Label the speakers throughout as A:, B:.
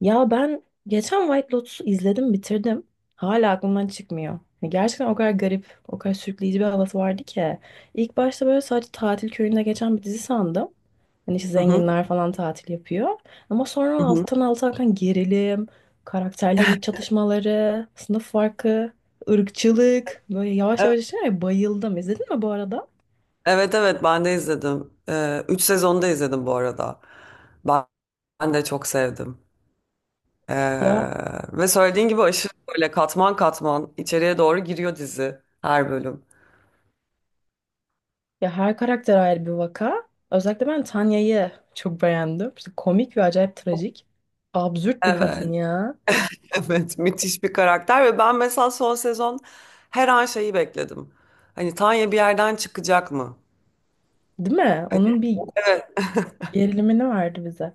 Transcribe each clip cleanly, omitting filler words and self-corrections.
A: Ya ben geçen White Lotus'u izledim, bitirdim. Hala aklımdan çıkmıyor. Ya gerçekten o kadar garip, o kadar sürükleyici bir havası vardı ki. İlk başta böyle sadece tatil köyünde geçen bir dizi sandım. Hani işte
B: Hı hı,
A: zenginler falan tatil yapıyor. Ama sonra
B: hı hı.
A: alttan alta akan gerilim, karakterlerin iç çatışmaları, sınıf farkı, ırkçılık. Böyle yavaş
B: Evet
A: yavaş bayıldım. İzledin mi bu arada?
B: evet evet, ben de izledim. Üç sezonda izledim bu arada. Ben, ben de çok sevdim. Ee,
A: Ya
B: Ve söylediğin gibi aşırı böyle katman katman içeriye doğru giriyor dizi her bölüm.
A: Ya, her karakter ayrı bir vaka. Özellikle ben Tanya'yı çok beğendim. İşte komik ve acayip trajik. Absürt bir
B: Evet,
A: kadın ya.
B: evet müthiş bir karakter ve ben mesela son sezon her an şeyi bekledim. Hani Tanya bir yerden çıkacak mı?
A: Değil mi?
B: Hani,
A: Onun bir
B: evet.
A: gerilimini verdi bize.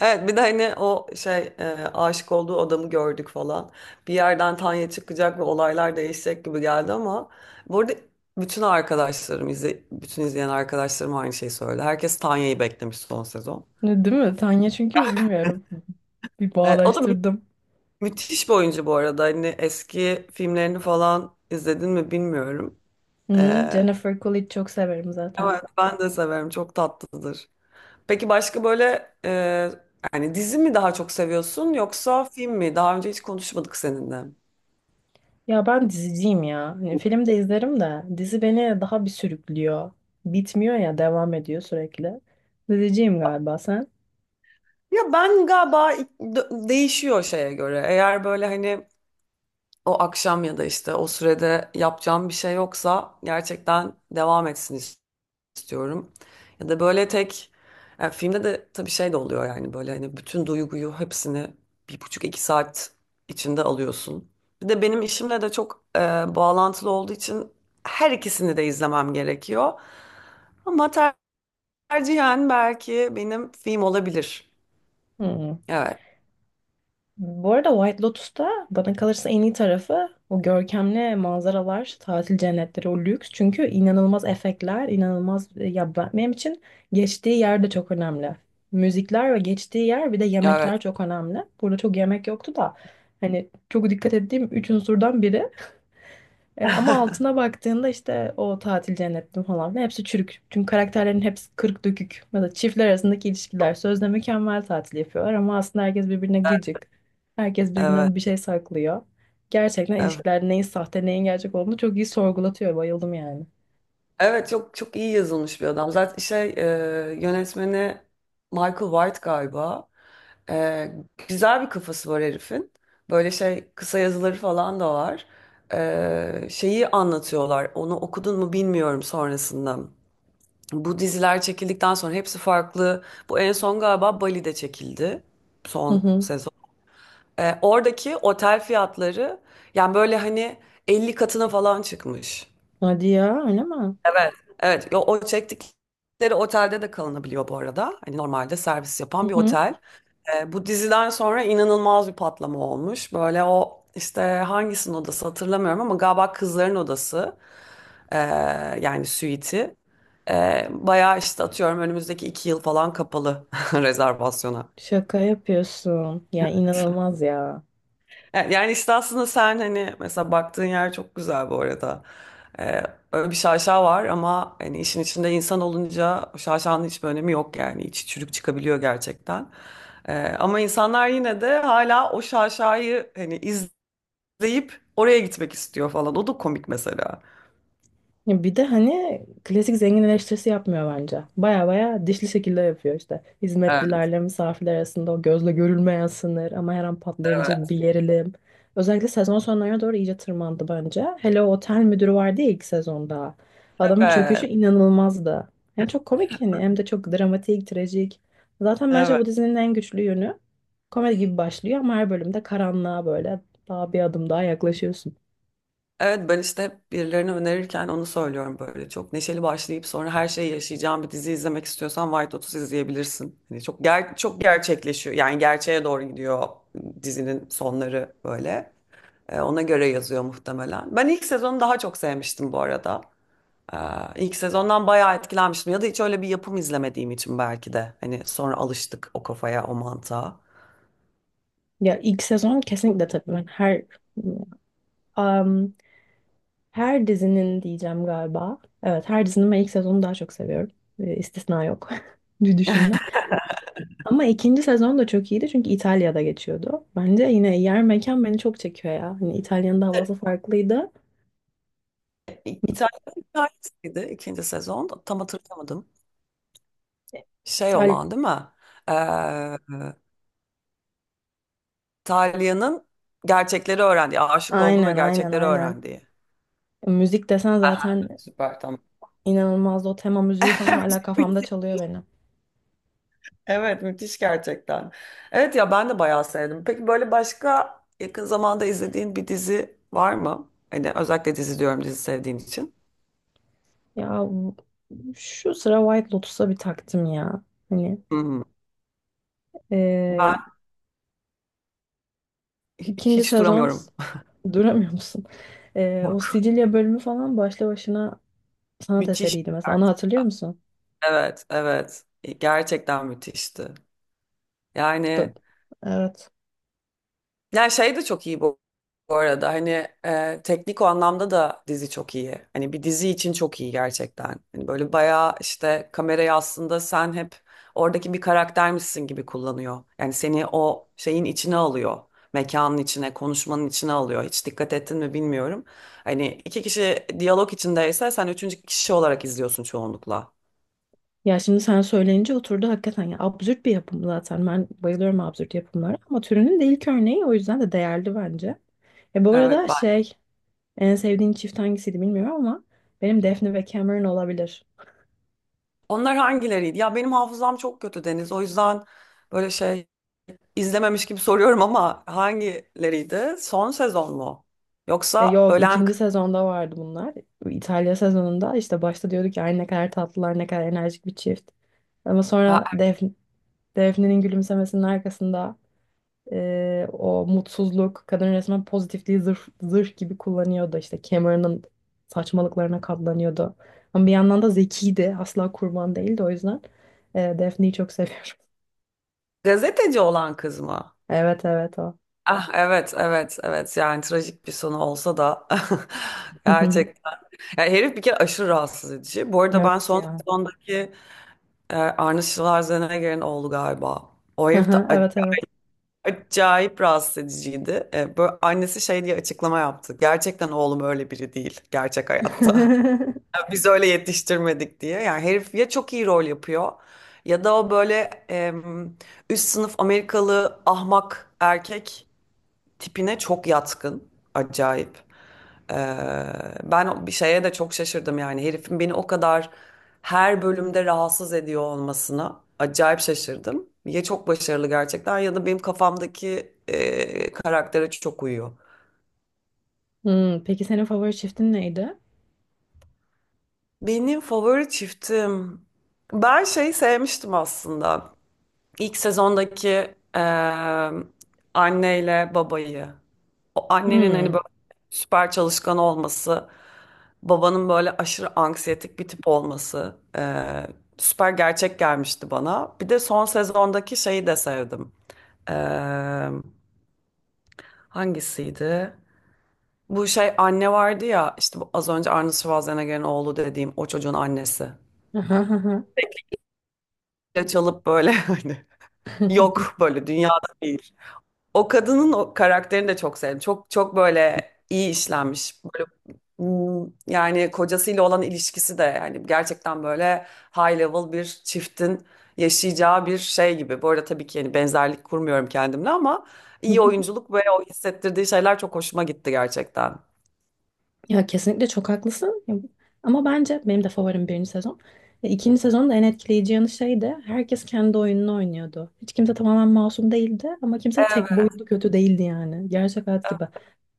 B: Evet bir de hani o şey, aşık olduğu adamı gördük falan. Bir yerden Tanya çıkacak ve olaylar değişecek gibi geldi ama bu arada bütün izleyen arkadaşlarım aynı şeyi söyledi. Herkes Tanya'yı beklemiş son sezon.
A: Ne, değil mi? Tanya çünkü bilmiyorum. Bir
B: O da
A: bağdaştırdım.
B: müthiş bir oyuncu bu arada. Hani eski filmlerini falan izledin mi bilmiyorum.
A: Hı,
B: E,
A: Jennifer Coolidge çok severim zaten.
B: evet ben de severim. Çok tatlıdır. Peki başka böyle yani dizi mi daha çok seviyorsun yoksa film mi? Daha önce hiç konuşmadık seninle.
A: Ya ben diziciyim ya. Hani film de izlerim de dizi beni daha bir sürüklüyor. Bitmiyor ya, devam ediyor sürekli. Diziciyim galiba sen.
B: Ya ben galiba değişiyor şeye göre. Eğer böyle hani o akşam ya da işte o sürede yapacağım bir şey yoksa gerçekten devam etsin istiyorum. Ya da böyle tek, ya filmde de tabii şey de oluyor yani böyle hani bütün duyguyu hepsini bir buçuk iki saat içinde alıyorsun. Bir de benim işimle de çok bağlantılı olduğu için her ikisini de izlemem gerekiyor. Ama tercihen belki benim film olabilir.
A: Hı.
B: Evet,
A: Bu arada White Lotus'ta bana kalırsa en iyi tarafı o görkemli manzaralar, tatil cennetleri, o lüks. Çünkü inanılmaz efektler, inanılmaz ya benim için geçtiği yer de çok önemli. Müzikler ve geçtiği yer bir de
B: evet.
A: yemekler çok önemli. Burada çok yemek yoktu da hani çok dikkat ettiğim üç unsurdan biri. Ama altına baktığında işte o tatil cennetli falan filan hepsi çürük. Çünkü karakterlerin hepsi kırık dökük. Ya da çiftler arasındaki ilişkiler sözde mükemmel, tatil yapıyorlar ama aslında herkes birbirine gıcık. Herkes
B: Evet,
A: birbirinden bir şey saklıyor. Gerçekten
B: evet.
A: ilişkiler neyin sahte neyin gerçek olduğunu çok iyi sorgulatıyor. Bayıldım yani.
B: Evet çok çok iyi yazılmış bir adam. Zaten şey, yönetmeni Michael White galiba. E, Güzel bir kafası var herifin. Böyle şey kısa yazıları falan da var. Şeyi anlatıyorlar. Onu okudun mu bilmiyorum sonrasında. Bu diziler çekildikten sonra hepsi farklı. Bu en son galiba Bali'de çekildi.
A: Hı
B: Son
A: hı.
B: sezon. Oradaki otel fiyatları yani böyle hani 50 katına falan çıkmış.
A: Hadi ya, öyle mi?
B: Evet, evet. Yo, o çektikleri otelde de kalınabiliyor bu arada. Hani normalde servis
A: Hı
B: yapan bir
A: hı.
B: otel. Bu diziden sonra inanılmaz bir patlama olmuş. Böyle o işte hangisinin odası hatırlamıyorum ama galiba kızların odası ee, yani suite'i. Bayağı işte atıyorum önümüzdeki 2 yıl falan kapalı rezervasyona.
A: Şaka yapıyorsun. Ya inanılmaz ya.
B: Yani işte aslında sen hani mesela baktığın yer çok güzel bu arada. Ee, Öyle bir şaşa var ama hani işin içinde insan olunca o şaşanın hiçbir önemi yok yani. İçi çürük çıkabiliyor gerçekten. Ama insanlar yine de hala o şaşayı hani izleyip oraya gitmek istiyor falan. O da komik mesela.
A: Ya bir de hani klasik zengin eleştirisi yapmıyor bence. Baya baya dişli şekilde yapıyor işte.
B: Evet,
A: Hizmetlilerle misafirler arasında o gözle görülmeyen sınır ama her an patlayabilecek bir gerilim. Özellikle sezon sonlarına doğru iyice tırmandı bence. Hele o otel müdürü vardı ya ilk sezonda. Adamın çöküşü
B: evet,
A: inanılmazdı. Hem çok komik yani hem de çok dramatik, trajik. Zaten bence
B: evet.
A: bu dizinin en güçlü yönü, komedi gibi başlıyor ama her bölümde karanlığa böyle daha bir adım daha yaklaşıyorsun.
B: Evet ben işte hep birilerine önerirken onu söylüyorum böyle. Çok neşeli başlayıp sonra her şeyi yaşayacağın bir dizi izlemek istiyorsan White Lotus izleyebilirsin. Hani çok çok gerçekleşiyor. Yani gerçeğe doğru gidiyor dizinin sonları böyle. Ona göre yazıyor muhtemelen. Ben ilk sezonu daha çok sevmiştim bu arada. Ee, ilk sezondan bayağı etkilenmiştim. Ya da hiç öyle bir yapım izlemediğim için belki de. Hani sonra alıştık o kafaya, o mantığa.
A: Ya ilk sezon kesinlikle, tabii ben Am, her dizinin diyeceğim galiba. Evet, her dizinin ben ilk sezonu daha çok seviyorum. E, istisna yok. diye düşündüm. Ama ikinci sezon da çok iyiydi çünkü İtalya'da geçiyordu. Bence yine yer mekan beni çok çekiyor ya. Hani İtalya'nın da havası farklıydı.
B: İtalya hikayesiydi ikinci sezon. Tam hatırlamadım. Şey
A: İtal
B: olan değil mi? Ee, Talia'nın gerçekleri öğrendiği, aşık olduğu ve
A: aynen, aynen,
B: gerçekleri
A: aynen.
B: öğrendiği.
A: Müzik desen
B: Aha,
A: zaten
B: süper tamam.
A: inanılmazdı. O tema müziği falan hala kafamda çalıyor benim.
B: Evet, müthiş gerçekten. Evet ya ben de bayağı sevdim. Peki böyle başka yakın zamanda izlediğin bir dizi var mı? Hani özellikle dizi diyorum dizi sevdiğin için.
A: Ya bu- Şu sıra White Lotus'a bir taktım ya. Hani
B: Hmm.
A: e,
B: Ben
A: ikinci
B: hiç
A: sezon.
B: duramıyorum.
A: Duramıyor musun? O
B: Yok.
A: Sicilya bölümü falan başlı başına sanat
B: Müthiş.
A: eseriydi mesela. Onu hatırlıyor musun?
B: Evet, evet, gerçekten müthişti.
A: İşte-
B: Yani,
A: evet.
B: ya şey de çok iyi bu, bu arada. Hani teknik o anlamda da dizi çok iyi. Hani bir dizi için çok iyi gerçekten. Hani böyle bayağı işte kamerayı aslında sen hep oradaki bir karaktermişsin gibi kullanıyor. Yani seni o şeyin içine alıyor. Mekanın içine, konuşmanın içine alıyor. Hiç dikkat ettin mi bilmiyorum. Hani iki kişi diyalog içindeyse sen üçüncü kişi olarak izliyorsun çoğunlukla.
A: Ya şimdi sen söyleyince oturdu hakikaten. Ya absürt bir yapım zaten. Ben bayılıyorum absürt yapımlara ama türünün de ilk örneği, o yüzden de değerli bence. E bu
B: Evet
A: arada
B: ben.
A: şey en sevdiğin çift hangisiydi bilmiyorum ama benim Daphne ve Cameron olabilir.
B: Onlar hangileriydi? Ya benim hafızam çok kötü, Deniz. O yüzden böyle şey, İzlememiş gibi soruyorum ama hangileriydi? Son sezon mu?
A: E
B: Yoksa
A: yok,
B: ölen
A: ikinci sezonda vardı bunlar. İtalya sezonunda işte başta diyorduk ya, "Ay ne kadar tatlılar, ne kadar enerjik bir çift. Ama
B: ha,
A: sonra Def Defne'nin gülümsemesinin arkasında o mutsuzluk, kadın resmen pozitifliği zırh gibi kullanıyordu. İşte Cameron'ın saçmalıklarına katlanıyordu. Ama bir yandan da zekiydi. Asla kurban değildi o yüzden. E, Daphne'yi çok seviyorum.
B: gazeteci olan kız mı?
A: Evet, evet, o.
B: Ah evet, evet, evet, yani trajik bir sonu olsa da gerçekten. Yani herif bir kere aşırı rahatsız edici. Bu arada ben
A: Evet
B: son
A: ya.
B: sezondaki Arnold Schwarzenegger'in oğlu galiba. O herif de
A: Aha, evet, evet.
B: acayip rahatsız ediciydi. Böyle annesi şey diye açıklama yaptı. Gerçekten oğlum öyle biri değil gerçek hayatta. Biz öyle yetiştirmedik diye. Yani herif ya çok iyi rol yapıyor ya da o böyle em, üst sınıf Amerikalı ahmak erkek tipine çok yatkın. Acayip. Ee, Ben bir şeye de çok şaşırdım, yani herifin beni o kadar her bölümde rahatsız ediyor olmasına acayip şaşırdım. Ya çok başarılı gerçekten ya da benim kafamdaki karaktere çok uyuyor.
A: Hmm, peki senin favori çiftin neydi?
B: Benim favori çiftim, ben şey sevmiştim aslında. İlk sezondaki eee anneyle babayı. O annenin hani
A: Hmm.
B: böyle süper çalışkan olması, babanın böyle aşırı anksiyetik bir tip olması, süper gerçek gelmişti bana. Bir de son sezondaki şeyi de sevdim. Eee, Hangisiydi? Bu şey anne vardı ya, işte bu az önce Arnold Schwarzenegger'in oğlu dediğim o çocuğun annesi. Çalıp böyle, hani yok böyle dünyada değil. O kadının o karakterini de çok sevdim. Çok çok böyle iyi işlenmiş. Böyle, yani kocasıyla olan ilişkisi de yani gerçekten böyle high level bir çiftin yaşayacağı bir şey gibi. Bu arada tabii ki yani benzerlik kurmuyorum kendimle ama iyi oyunculuk ve o hissettirdiği şeyler çok hoşuma gitti gerçekten.
A: Ya kesinlikle çok haklısın. Ama bence benim de favorim birinci sezon. E, İkinci sezonun da en etkileyici yanı şeydi. Herkes kendi oyununu oynuyordu. Hiç kimse tamamen masum değildi ama kimse tek
B: Evet.
A: boyutlu kötü değildi yani. Gerçek hayat gibi.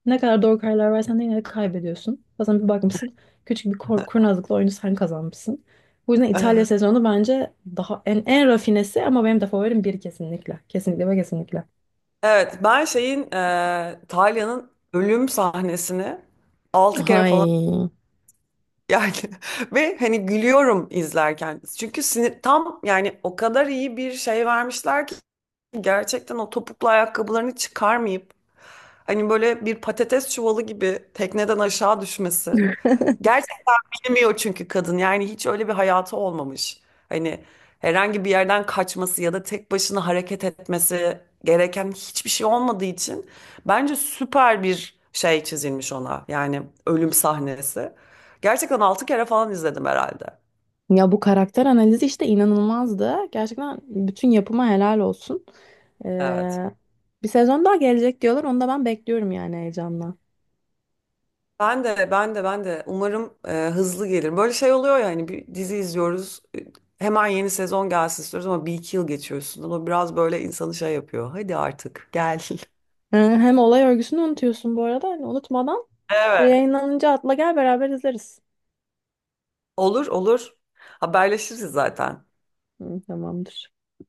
A: Ne kadar doğru kararlar versen de yine de kaybediyorsun. Bazen bir bakmışsın küçük bir kurnazlıkla oyunu sen kazanmışsın. Bu yüzden İtalya sezonu bence daha en rafinesi ama benim de favorim bir, kesinlikle. Kesinlikle ve kesinlikle.
B: Evet, ben şeyin, Talya'nın ölüm sahnesini 6 kere falan,
A: Hay.
B: yani, ve hani gülüyorum izlerken. Çünkü sinir tam, yani o kadar iyi bir şey vermişler ki gerçekten o topuklu ayakkabılarını çıkarmayıp hani böyle bir patates çuvalı gibi tekneden aşağı düşmesi. Gerçekten bilmiyor çünkü kadın. Yani hiç öyle bir hayatı olmamış. Hani herhangi bir yerden kaçması ya da tek başına hareket etmesi gereken hiçbir şey olmadığı için bence süper bir şey çizilmiş ona. Yani ölüm sahnesi. Gerçekten 6 kere falan izledim herhalde.
A: Ya bu karakter analizi işte inanılmazdı. Gerçekten bütün yapıma helal olsun.
B: Evet.
A: Ee, Bir sezon daha gelecek diyorlar. Onu da ben bekliyorum yani heyecanla.
B: Ben de umarım hızlı gelir. Böyle şey oluyor ya hani bir dizi izliyoruz. Hemen yeni sezon gelsin istiyoruz ama bir iki yıl geçiyor üstünden. O biraz böyle insanı şey yapıyor. Hadi artık gel.
A: Hem olay örgüsünü unutuyorsun bu arada. Hani unutmadan
B: Evet.
A: yayınlanınca atla gel, beraber izleriz.
B: Olur olur. Haberleşiriz zaten.
A: Hı, tamamdır.